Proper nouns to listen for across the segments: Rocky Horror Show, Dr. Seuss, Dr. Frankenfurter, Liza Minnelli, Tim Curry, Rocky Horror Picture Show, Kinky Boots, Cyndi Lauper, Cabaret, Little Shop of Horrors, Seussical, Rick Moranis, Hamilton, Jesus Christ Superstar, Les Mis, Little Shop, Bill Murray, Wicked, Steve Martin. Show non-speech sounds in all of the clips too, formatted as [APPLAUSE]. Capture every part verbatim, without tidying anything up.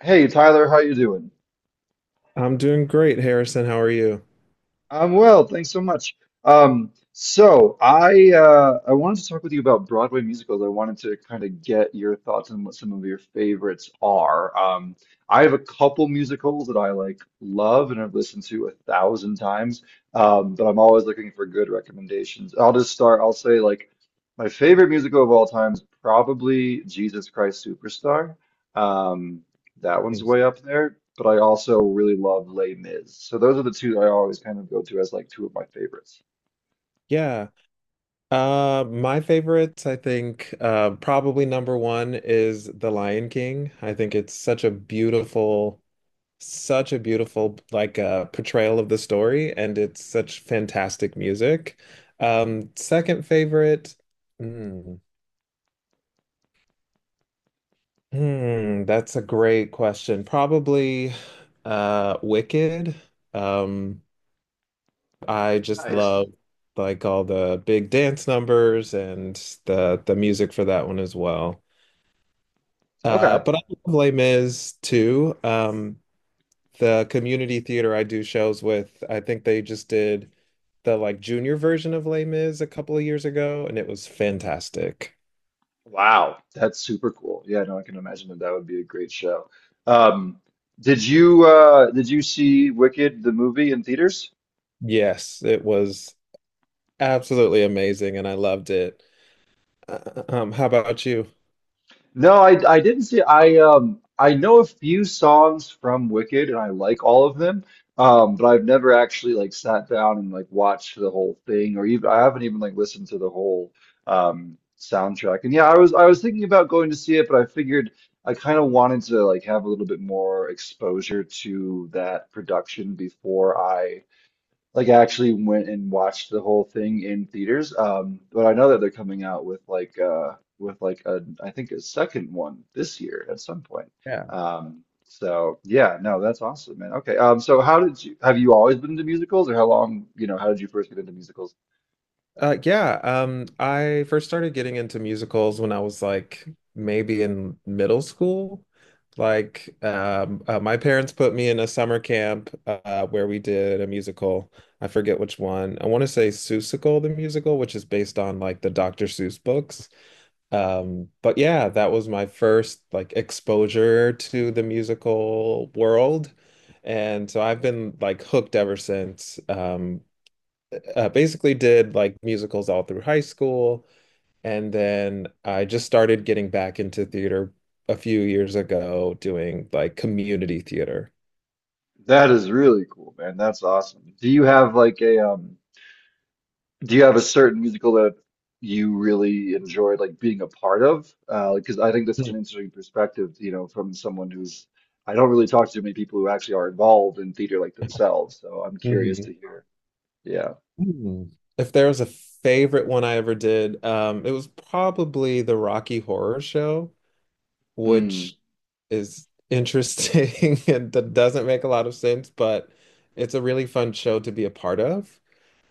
Hey Tyler, how you doing? I'm doing great, Harrison. How are you? I'm well, thanks so much. Um, so I uh, I wanted to talk with you about Broadway musicals. I wanted to kind of get your thoughts on what some of your favorites are. Um, I have a couple musicals that I like love and I've listened to a thousand times, um, but I'm always looking for good recommendations. I'll just start. I'll say like my favorite musical of all time is probably Jesus Christ Superstar. Um, That one's Thanks. way up there, but I also really love Les Mis. So those are the two I always kind of go to as like two of my favorites. Yeah. Uh, my favorites, I think, uh, probably number one is The Lion King. I think it's such a beautiful, such a beautiful like uh, portrayal of the story, and it's such fantastic music. Um, second favorite, hmm, hmm, that's a great question. Probably, uh, Wicked. Um, I just Nice. love like all the big dance numbers and the the music for that one as well. Uh, Okay. But I love Les Mis too. Um, the community theater I do shows with, I think they just did the like junior version of Les Mis a couple of years ago, and it was fantastic. Wow, that's super cool. Yeah, no, I can imagine that that would be a great show. Um, did you uh did you see Wicked the movie in theaters? Yes, it was absolutely amazing, and I loved it. Uh, Um, how about you? No, I I didn't see I um I know a few songs from Wicked and I like all of them. Um, but I've never actually like sat down and like watched the whole thing or even I haven't even like listened to the whole um soundtrack. And yeah, I was I was thinking about going to see it, but I figured I kind of wanted to like have a little bit more exposure to that production before I like I actually went and watched the whole thing in theaters. Um, but I know that they're coming out with like uh with like a I think a second one this year at some point. Yeah. Um, so yeah, no, that's awesome, man. Okay. Um, so how did you have you always been into musicals or how long, you know, how did you first get into musicals? Uh, yeah, um, I first started getting into musicals when I was like maybe in middle school. Like, um, uh, my parents put me in a summer camp uh, where we did a musical. I forget which one. I want to say Seussical, the musical, which is based on like the doctor Seuss books. Um, but yeah, that was my first like exposure to the musical world. And so I've been like hooked ever since. Um, uh, basically did like musicals all through high school. And then I just started getting back into theater a few years ago, doing like community theater. That is really cool, man. That's awesome. Do you have like a um do you have a certain musical that you really enjoyed like being a part of? Uh, because I think that's such Hmm. an interesting perspective, you know, from someone who's I don't really talk to many people who actually are involved in theater like themselves. So I'm curious to hear. Yeah. Hmm. If there was a favorite one I ever did, um, it was probably the Rocky Horror Show, Mm. which is interesting [LAUGHS] and that doesn't make a lot of sense, but it's a really fun show to be a part of.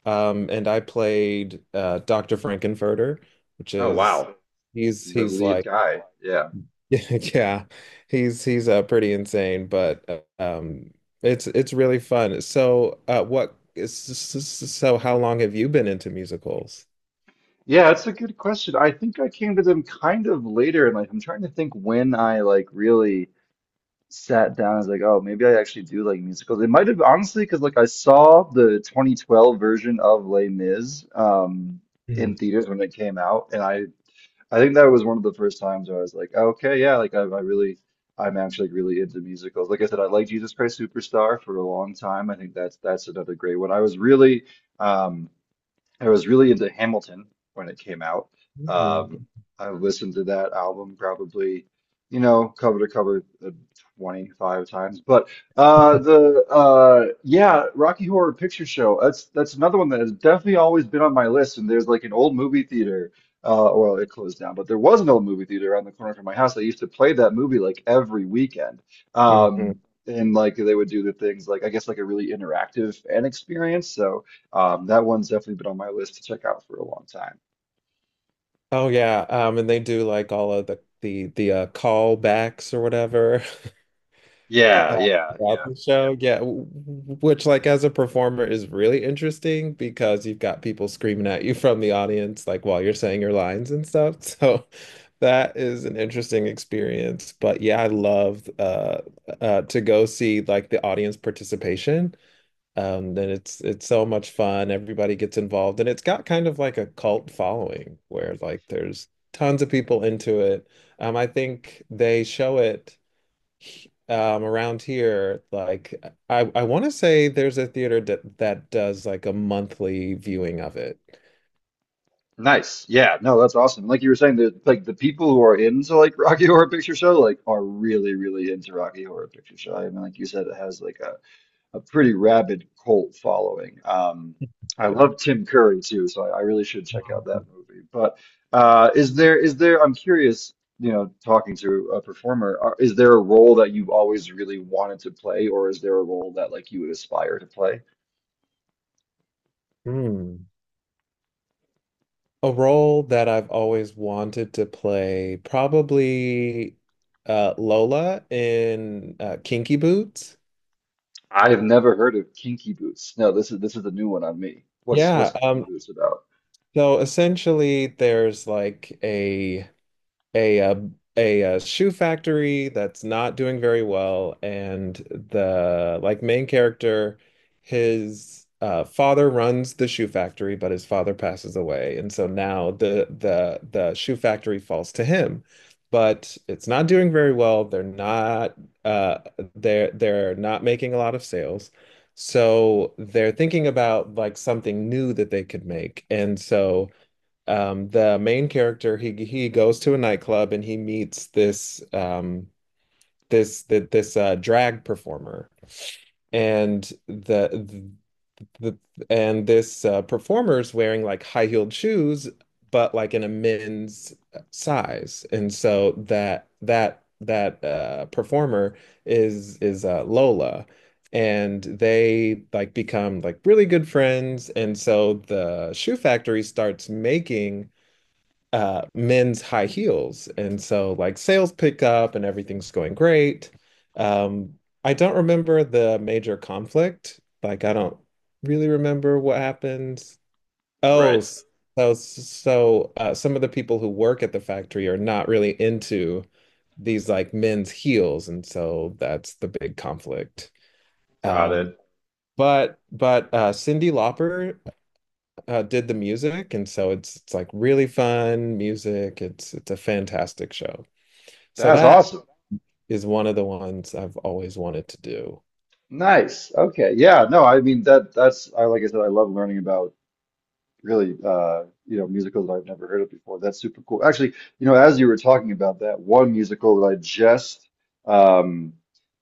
Um, and I played uh, doctor Frankenfurter, which Oh is wow. he's The he's lead like guy. Yeah. [LAUGHS] yeah, he's he's uh, pretty insane, but uh, um, it's it's really fun. So uh, what is so how long have you been into musicals? Yeah, it's a good question. I think I came to them kind of later in life. I'm trying to think when I like really sat down and was like, oh, maybe I actually do like musicals. It might have honestly, because like I saw the twenty twelve version of Les Mis um, in Mhm. theaters when it came out, and I I think that was one of the first times where I was like, okay, yeah, like I, I really I'm actually like really into musicals. Like I said, I liked Jesus Christ Superstar for a long time. I think that's that's another great one. I was really um, I was really into Hamilton when it came out. Mhm. Um, I listened to that album probably, you know, cover to cover uh, twenty-five times. But uh, the uh, yeah, Rocky Horror Picture Show. That's that's another one that has definitely always been on my list. And there's like an old movie theater. Uh, well, it closed down, but there was an old movie theater around the corner from my house. They used to play that movie like every weekend. Um, [LAUGHS] and like they would do the things like I guess like a really interactive fan experience. So. Um, that one's definitely been on my list to check out for a long time. Oh yeah, um, and they do like all of the the the uh, callbacks or whatever. Yeah, uh, yeah, Throughout yeah. the show. Yeah, w- w- which like as a performer is really interesting because you've got people screaming at you [LAUGHS] from the audience like while you're saying your lines and stuff. [LAUGHS] So that is an interesting experience. But yeah, I love uh, uh, to go see like the audience participation. Um, then it's it's so much fun. Everybody gets involved, and it's got kind of like a cult following where like there's tons of people into it. Um, I think they show it um around here like I I want to say there's a theater that that does like a monthly viewing of it. Nice. Yeah, no, that's awesome. Like you were saying, the like the people who are into like Rocky Horror Picture Show like are really, really into Rocky Horror Picture Show. I mean, like you said, it has like a, a pretty rabid cult following. Um, I Yeah. love Tim Curry too, so I, I really should check out that movie. But uh, is there is there? I'm curious. You know, talking to a performer, are, is there a role that you've always really wanted to play, or is there a role that like you would aspire to play? Hmm. A role that I've always wanted to play, probably uh, Lola in uh, Kinky Boots. I have never heard of Kinky Boots. No, this is this is a new one on me. What's what's Yeah. Kinky Um, Boots about? So essentially, there's like a a uh, a uh, shoe factory that's not doing very well, and the like main character, his uh, father runs the shoe factory, but his father passes away, and so now the the the shoe factory falls to him, but it's not doing very well. They're not uh, they're they're not making a lot of sales. So they're thinking about like something new that they could make. And so um the main character, he he goes to a nightclub and he meets this um this th- this uh drag performer and the the and this uh performer's wearing like high-heeled shoes but like in a men's size, and so that that that uh performer is is uh Lola, and they like become like really good friends. And so the shoe factory starts making uh men's high heels, and so like sales pick up and everything's going great. um I don't remember the major conflict. Like I don't really remember what happened. oh Right. s- so so uh, some of the people who work at the factory are not really into these like men's heels, and so that's the big conflict. um but but uh Cyndi Lauper uh, did the music, and so it's it's like really fun music. It's it's a fantastic show. So That's that awesome. is one of the ones I've always wanted to do. Nice. Okay. Yeah. No, I mean that that's I like I said, I love learning about really uh you know musicals I've never heard of before. That's super cool. Actually, you know, as you were talking about that one musical that I just um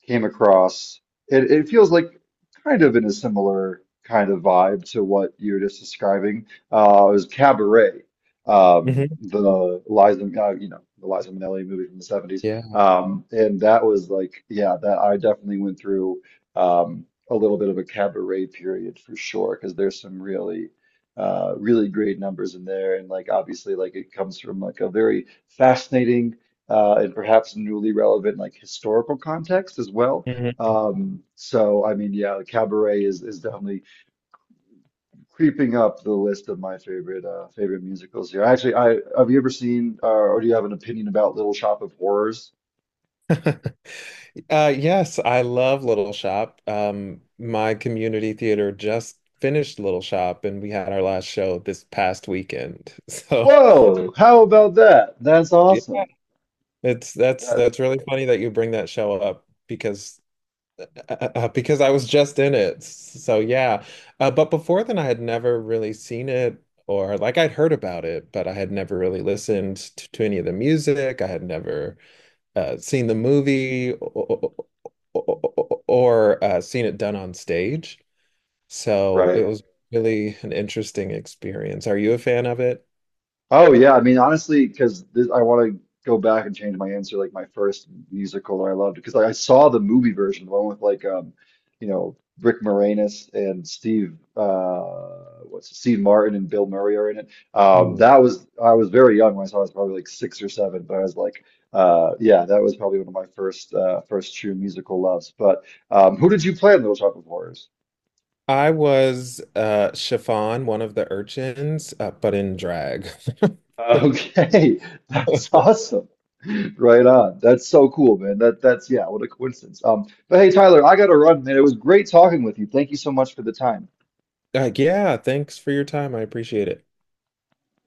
came across, it, it feels like kind of in a similar kind of vibe to what you were just describing. Uh, it was Cabaret. Um, Hmm. the Liza uh, you know, the Liza Minnelli movie from the seventies. Yeah. Um and that was like yeah, that I definitely went through um a little bit of a cabaret period for sure because there's some really uh, really great numbers in there. And like obviously, like it comes from like a very fascinating uh, and perhaps newly relevant like historical context as well. Mm-hmm. Um, so I mean, yeah, Cabaret is is definitely creeping up the list of my favorite uh, favorite musicals here. Actually, I have you ever seen uh, or do you have an opinion about Little Shop of Horrors? [LAUGHS] Uh, yes, I love Little Shop. Um, my community theater just finished Little Shop, and we had our last show this past weekend. [LAUGHS] So Whoa, how about that? That's yeah, awesome. it's that's That, that's really funny that you bring that show up because Uh, uh, because I was just in it. So yeah. Uh, but before then, I had never really seen it or like I'd heard about it, but I had never really listened to, to any of the music. I had never uh, seen the movie or, or uh, seen it done on stage. So it right. was really an interesting experience. Are you a fan of it? Oh yeah, I mean honestly, because this I want to go back and change my answer. Like my first musical that I loved, because like I saw the movie version, the one with like um, you know, Rick Moranis and Steve uh, what's it, Steve Martin and Bill Murray are in it. Um, Hmm. that was I was very young when I saw it. I was probably like six or seven, but I was like, uh, yeah, that was probably one of my first uh, first true musical loves. But um, who did you play in Little Shop of Horrors? I was uh Chiffon, one of the urchins, uh, but in drag. [LAUGHS] Okay, [LAUGHS] that's awesome. Right on. That's so cool, man. That that's yeah, what a coincidence. Um, but hey, Tyler, I gotta run, man. It was great talking with you. Thank you so much for the time. Like, yeah, thanks for your time. I appreciate it.